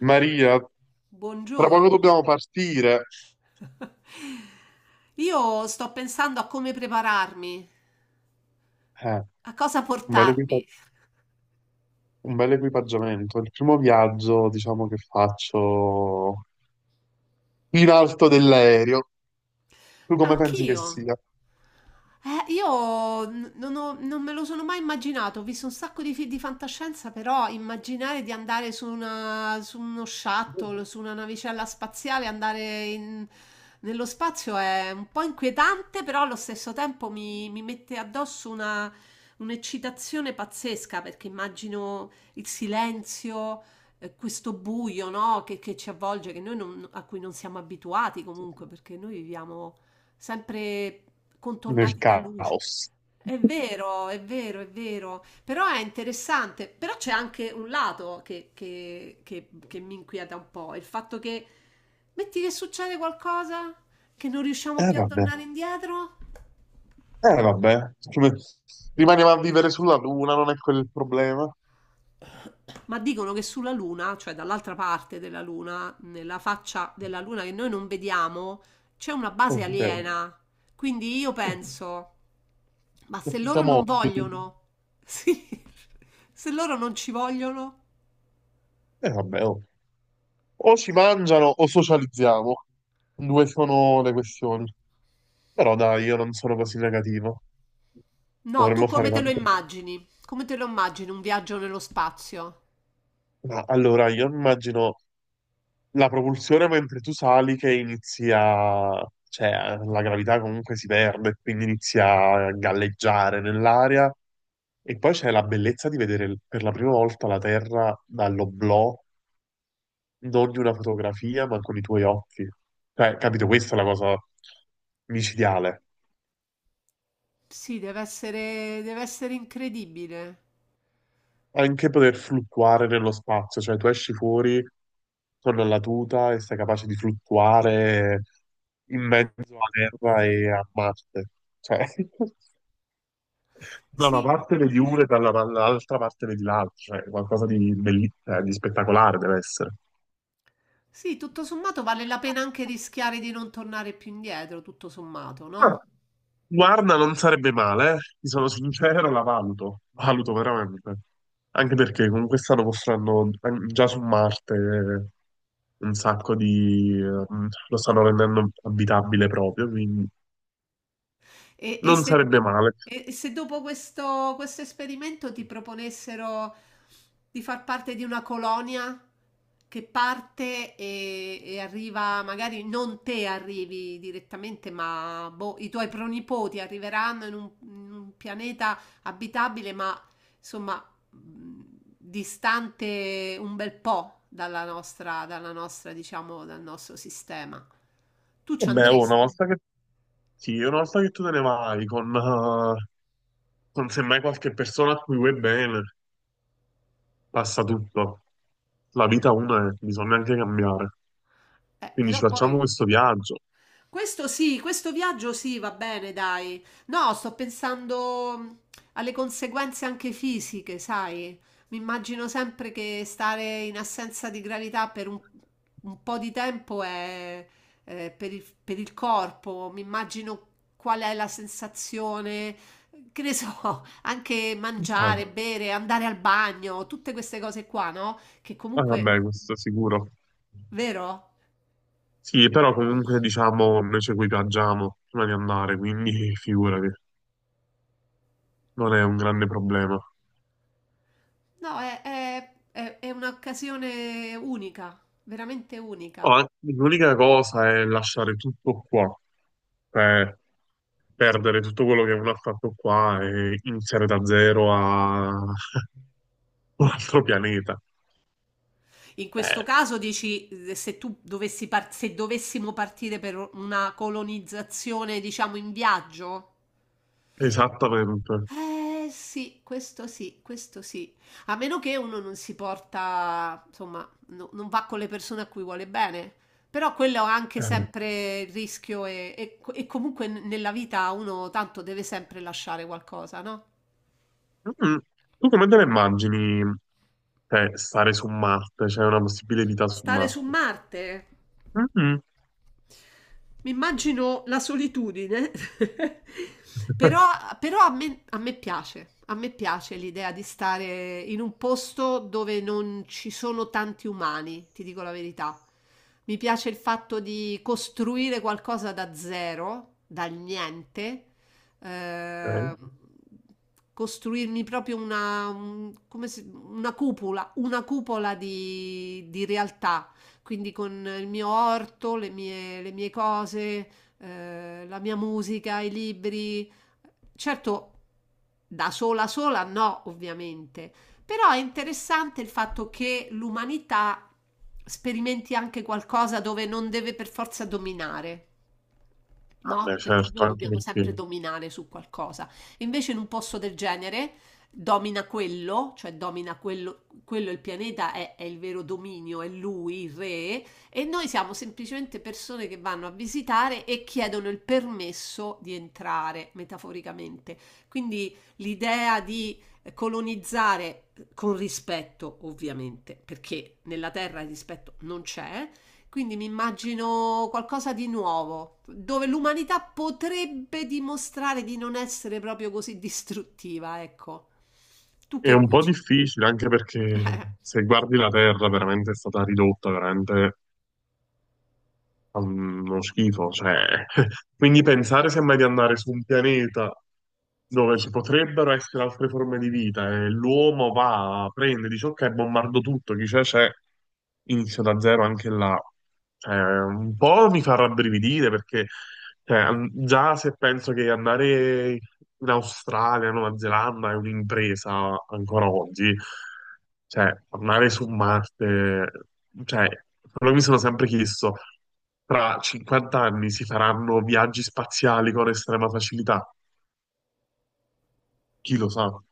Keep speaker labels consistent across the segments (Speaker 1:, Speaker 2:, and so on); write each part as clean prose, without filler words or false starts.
Speaker 1: Maria, tra poco
Speaker 2: Buongiorno.
Speaker 1: dobbiamo partire.
Speaker 2: Io sto pensando a come prepararmi,
Speaker 1: Eh,
Speaker 2: a cosa
Speaker 1: un bel equipa-
Speaker 2: portarmi.
Speaker 1: un bel equipaggiamento. Il primo viaggio, diciamo, che faccio in alto dell'aereo. Tu come pensi che
Speaker 2: Anch'io.
Speaker 1: sia?
Speaker 2: Io n- non, ho- Non me lo sono mai immaginato, ho visto un sacco di film di fantascienza, però immaginare di andare su, su uno shuttle, su una navicella spaziale, nello spazio è un po' inquietante, però allo stesso tempo mi mette addosso un'eccitazione pazzesca, perché immagino il silenzio, questo buio, no, che ci avvolge, che noi non- a cui non siamo abituati comunque, perché noi viviamo sempre
Speaker 1: Nel
Speaker 2: contornati da luce.
Speaker 1: caos.
Speaker 2: È vero, è vero, è vero, però è interessante, però c'è anche un lato che mi inquieta un po', il fatto che metti che succede qualcosa, che non riusciamo
Speaker 1: Eh
Speaker 2: più a
Speaker 1: vabbè,
Speaker 2: tornare indietro.
Speaker 1: eh vabbè. Rimaniamo a vivere sulla Luna, non è quello il problema.
Speaker 2: Ma dicono che sulla Luna, cioè dall'altra parte della Luna, nella faccia della Luna che noi non vediamo, c'è una base
Speaker 1: Ok.
Speaker 2: aliena. Quindi io penso, ma se loro
Speaker 1: Siamo
Speaker 2: non
Speaker 1: ospiti.
Speaker 2: vogliono, sì, se loro non ci vogliono,
Speaker 1: Eh vabbè, oh. O ci mangiano o socializziamo. Due sono le questioni. Però dai, io non sono così negativo.
Speaker 2: no, tu
Speaker 1: Dovremmo fare
Speaker 2: come te lo
Speaker 1: tanto.
Speaker 2: immagini? Come te lo immagini un viaggio nello spazio?
Speaker 1: Ma allora, io immagino la propulsione mentre tu sali che inizia, cioè la gravità comunque si perde, quindi inizia a galleggiare nell'aria. E poi c'è la bellezza di vedere per la prima volta la Terra dall'oblò, non di una fotografia, ma con i tuoi occhi. Cioè, capito, questa è la cosa micidiale.
Speaker 2: Sì, deve essere incredibile.
Speaker 1: Anche poter fluttuare nello spazio, cioè tu esci fuori con la tuta e sei capace di fluttuare in mezzo a Terra e a Marte. Cioè, da una
Speaker 2: Sì,
Speaker 1: parte vedi uno e dall'altra parte vedi l'altro, cioè qualcosa di spettacolare deve essere.
Speaker 2: sì, tutto sommato vale la pena anche rischiare di non tornare più indietro, tutto sommato,
Speaker 1: Ah,
Speaker 2: no?
Speaker 1: guarda, non sarebbe male, eh. Ti sono sincero, la valuto, valuto veramente. Anche perché con quest'anno mostrando già su Marte un sacco di lo stanno rendendo abitabile proprio, quindi
Speaker 2: E, e
Speaker 1: non
Speaker 2: se,
Speaker 1: sarebbe male.
Speaker 2: e se dopo questo esperimento ti proponessero di far parte di una colonia che parte e arriva, magari non te arrivi direttamente, ma boh, i tuoi pronipoti arriveranno in un pianeta abitabile, ma insomma mh, distante un bel po' dalla nostra, diciamo, dal nostro sistema. Tu ci
Speaker 1: Vabbè, oh, una
Speaker 2: andresti?
Speaker 1: volta che, sì, una volta che tu te ne vai con semmai qualche persona a cui vuoi bene, passa tutto. La vita una è, bisogna anche cambiare. Quindi ci
Speaker 2: Però
Speaker 1: facciamo
Speaker 2: poi
Speaker 1: questo viaggio.
Speaker 2: Questo sì, questo viaggio sì, va bene, dai. No, sto pensando alle conseguenze anche fisiche, sai? Mi immagino sempre che stare in assenza di gravità per un po' di tempo è, per il corpo. Mi immagino qual è la sensazione, che ne so, anche mangiare, bere, andare al bagno, tutte queste cose qua, no? Che
Speaker 1: Ah,
Speaker 2: comunque,
Speaker 1: vabbè, questo sicuro.
Speaker 2: vero?
Speaker 1: Sì, però comunque diciamo noi ci equipaggiamo prima di andare, quindi figurati, non è un grande problema.
Speaker 2: No, è un'occasione unica, veramente
Speaker 1: Oh,
Speaker 2: unica.
Speaker 1: l'unica cosa è lasciare tutto qua, cioè perdere tutto quello che uno ha fatto qua e iniziare da zero a un altro pianeta.
Speaker 2: In questo
Speaker 1: Eh,
Speaker 2: caso dici, se tu se dovessimo partire per una colonizzazione, diciamo, in viaggio?
Speaker 1: esattamente.
Speaker 2: Eh sì, questo sì, questo sì. A meno che uno non si porta, insomma, non va con le persone a cui vuole bene. Però quello ha anche
Speaker 1: Eh,
Speaker 2: sempre il rischio e comunque nella vita uno tanto deve sempre lasciare qualcosa, no?
Speaker 1: mm, Tu come te la immagini, cioè, stare su Marte? C'è una possibile vita su
Speaker 2: Stare su
Speaker 1: Marte?
Speaker 2: Marte.
Speaker 1: Mm-mm.
Speaker 2: Mi immagino la solitudine, però, però a me piace l'idea di stare in un posto dove non ci sono tanti umani, ti dico la verità. Mi piace il fatto di costruire qualcosa da zero, dal niente, Mhm. Costruirmi proprio una, una cupola di realtà quindi con il mio orto, le mie cose, la mia musica, i libri. Certo, da sola sola no, ovviamente, però è interessante il fatto che l'umanità sperimenti anche qualcosa dove non deve per forza dominare, no?
Speaker 1: Vabbè,
Speaker 2: Perché
Speaker 1: certo,
Speaker 2: noi
Speaker 1: anche
Speaker 2: dobbiamo sempre
Speaker 1: perché
Speaker 2: dominare su qualcosa. Invece in un posto del genere domina quello, cioè domina quello, quello il pianeta è il vero dominio, è lui il re, e noi siamo semplicemente persone che vanno a visitare e chiedono il permesso di entrare, metaforicamente. Quindi l'idea di colonizzare con rispetto, ovviamente, perché nella Terra il rispetto non c'è, quindi mi immagino qualcosa di nuovo, dove l'umanità potrebbe dimostrare di non essere proprio così distruttiva, ecco. Tu
Speaker 1: è
Speaker 2: che
Speaker 1: un po'
Speaker 2: dici?
Speaker 1: difficile, anche perché se guardi la Terra veramente è stata ridotta veramente. Uno schifo, cioè. Quindi pensare sembra di andare su un pianeta dove ci potrebbero essere altre forme di vita e l'uomo va, prende, dice ok, bombardo tutto, chi c'è c'è, inizio da zero anche là. Cioè, un po' mi fa rabbrividire perché, cioè, già se penso che andare in Australia, Nuova Zelanda è un'impresa ancora oggi, cioè, andare su Marte, cioè, però mi sono sempre chiesto, tra 50 anni si faranno viaggi spaziali con estrema facilità? Chi lo sa? No.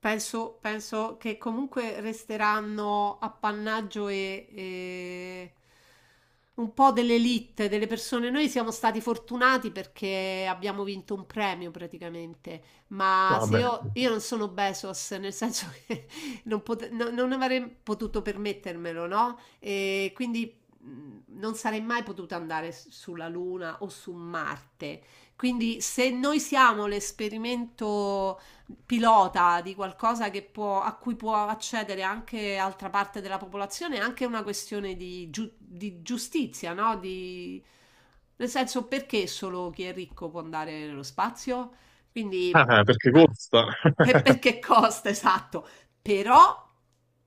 Speaker 2: Penso, penso che comunque resteranno appannaggio e un po' dell'elite, delle persone. Noi siamo stati fortunati perché abbiamo vinto un premio praticamente, ma se
Speaker 1: Vabbè,
Speaker 2: io non sono Bezos, nel senso che non avrei potuto permettermelo, no? E quindi non sarei mai potuta andare sulla Luna o su Marte. Quindi se noi siamo l'esperimento pilota di qualcosa che può, a cui può accedere anche altra parte della popolazione, è anche una questione di, di giustizia, no? Di, nel senso, perché solo chi è ricco può andare nello spazio? Quindi,
Speaker 1: ah, perché
Speaker 2: ah,
Speaker 1: costa.
Speaker 2: e perché costa, esatto. Però,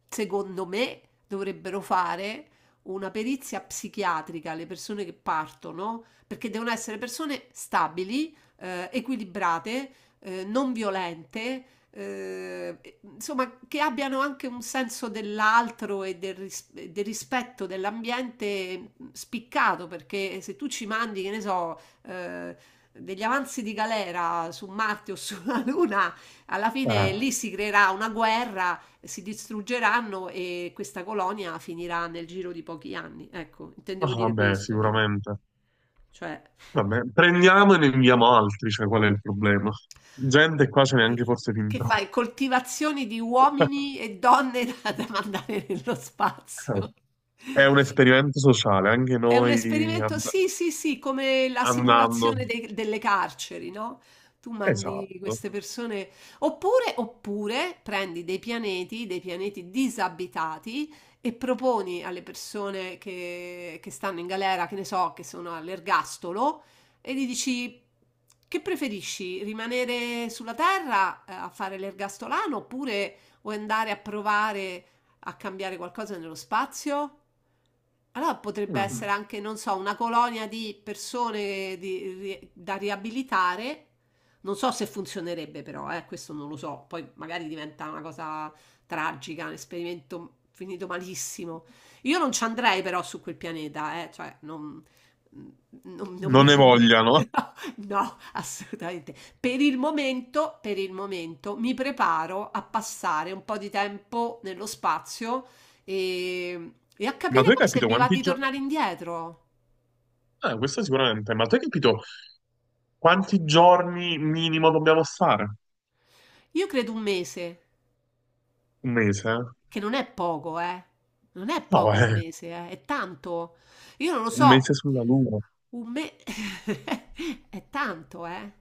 Speaker 2: secondo me, dovrebbero fare una perizia psichiatrica alle persone che partono, perché devono essere persone stabili, equilibrate, non violente, insomma, che abbiano anche un senso dell'altro e del, e del rispetto dell'ambiente spiccato, perché se tu ci mandi, che ne so, degli avanzi di galera su Marte o sulla Luna, alla
Speaker 1: Eh,
Speaker 2: fine lì si creerà una guerra, si distruggeranno e questa colonia finirà nel giro di pochi anni. Ecco, intendevo
Speaker 1: ah,
Speaker 2: dire
Speaker 1: vabbè,
Speaker 2: questo, no?
Speaker 1: sicuramente.
Speaker 2: Cioè,
Speaker 1: Vabbè, prendiamo e ne inviamo altri, cioè qual è il problema? Gente qua ce n'è anche
Speaker 2: capito?
Speaker 1: forse fin
Speaker 2: Che
Speaker 1: troppa.
Speaker 2: fai? Coltivazioni di uomini e donne da, da mandare nello spazio.
Speaker 1: È un esperimento sociale, anche
Speaker 2: È un
Speaker 1: noi
Speaker 2: esperimento, sì, sì, sì, come la
Speaker 1: andando.
Speaker 2: simulazione delle carceri, no? Tu mandi
Speaker 1: Esatto.
Speaker 2: queste persone, oppure, oppure prendi dei pianeti disabitati e proponi alle persone che stanno in galera, che ne so, che sono all'ergastolo, e gli dici che preferisci, rimanere sulla Terra a fare l'ergastolano oppure vuoi andare a provare a cambiare qualcosa nello spazio? Allora potrebbe
Speaker 1: Mm.
Speaker 2: essere anche, non so, una colonia di persone da riabilitare. Non so se funzionerebbe però, questo non lo so. Poi magari diventa una cosa tragica, un esperimento finito malissimo. Io non ci andrei però su quel pianeta, cioè non, mm, non mi
Speaker 1: Non ne
Speaker 2: viene...
Speaker 1: vogliano.
Speaker 2: No, assolutamente. Per il momento, mi preparo a passare un po' di tempo nello spazio e a
Speaker 1: Ma tu
Speaker 2: capire
Speaker 1: hai
Speaker 2: poi se
Speaker 1: capito
Speaker 2: mi va
Speaker 1: quanti
Speaker 2: di
Speaker 1: giorni?
Speaker 2: tornare indietro.
Speaker 1: Questo sicuramente, ma tu hai capito, quanti giorni minimo dobbiamo stare?
Speaker 2: Io credo un mese.
Speaker 1: Un mese?
Speaker 2: Che non è poco, eh. Non è
Speaker 1: No,
Speaker 2: poco un mese, eh. È tanto. Io non lo
Speaker 1: un
Speaker 2: so.
Speaker 1: mese sulla Luna.
Speaker 2: Un mese è tanto, eh.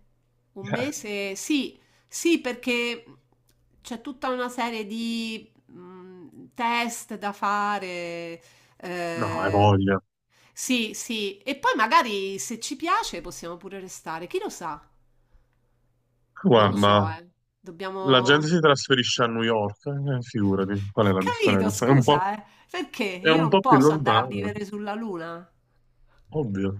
Speaker 2: Un
Speaker 1: Eh,
Speaker 2: mese, sì, sì, perché c'è tutta una serie di test da fare.
Speaker 1: no, hai
Speaker 2: Eh,
Speaker 1: voglia.
Speaker 2: sì, sì. E poi magari se ci piace possiamo pure restare. Chi lo sa? Non lo so,
Speaker 1: Guarda,
Speaker 2: eh.
Speaker 1: la gente
Speaker 2: Dobbiamo.
Speaker 1: si trasferisce a New York, figurati, qual è la
Speaker 2: Capito,
Speaker 1: differenza? È un po',
Speaker 2: scusa, eh. Perché
Speaker 1: è
Speaker 2: io
Speaker 1: un
Speaker 2: non
Speaker 1: po' più
Speaker 2: posso andare a
Speaker 1: lontano,
Speaker 2: vivere sulla Luna?
Speaker 1: ovvio.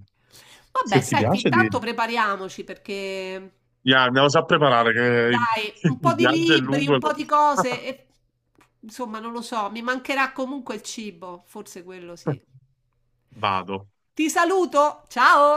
Speaker 1: Se
Speaker 2: Vabbè,
Speaker 1: ti
Speaker 2: senti,
Speaker 1: piace.
Speaker 2: intanto prepariamoci perché
Speaker 1: Ya, andiamo già a preparare che il,
Speaker 2: dai, un po'
Speaker 1: il
Speaker 2: di
Speaker 1: viaggio è
Speaker 2: libri,
Speaker 1: lungo.
Speaker 2: un po' di cose e insomma, non lo so, mi mancherà comunque il cibo, forse quello sì.
Speaker 1: Vado.
Speaker 2: Ti saluto, ciao!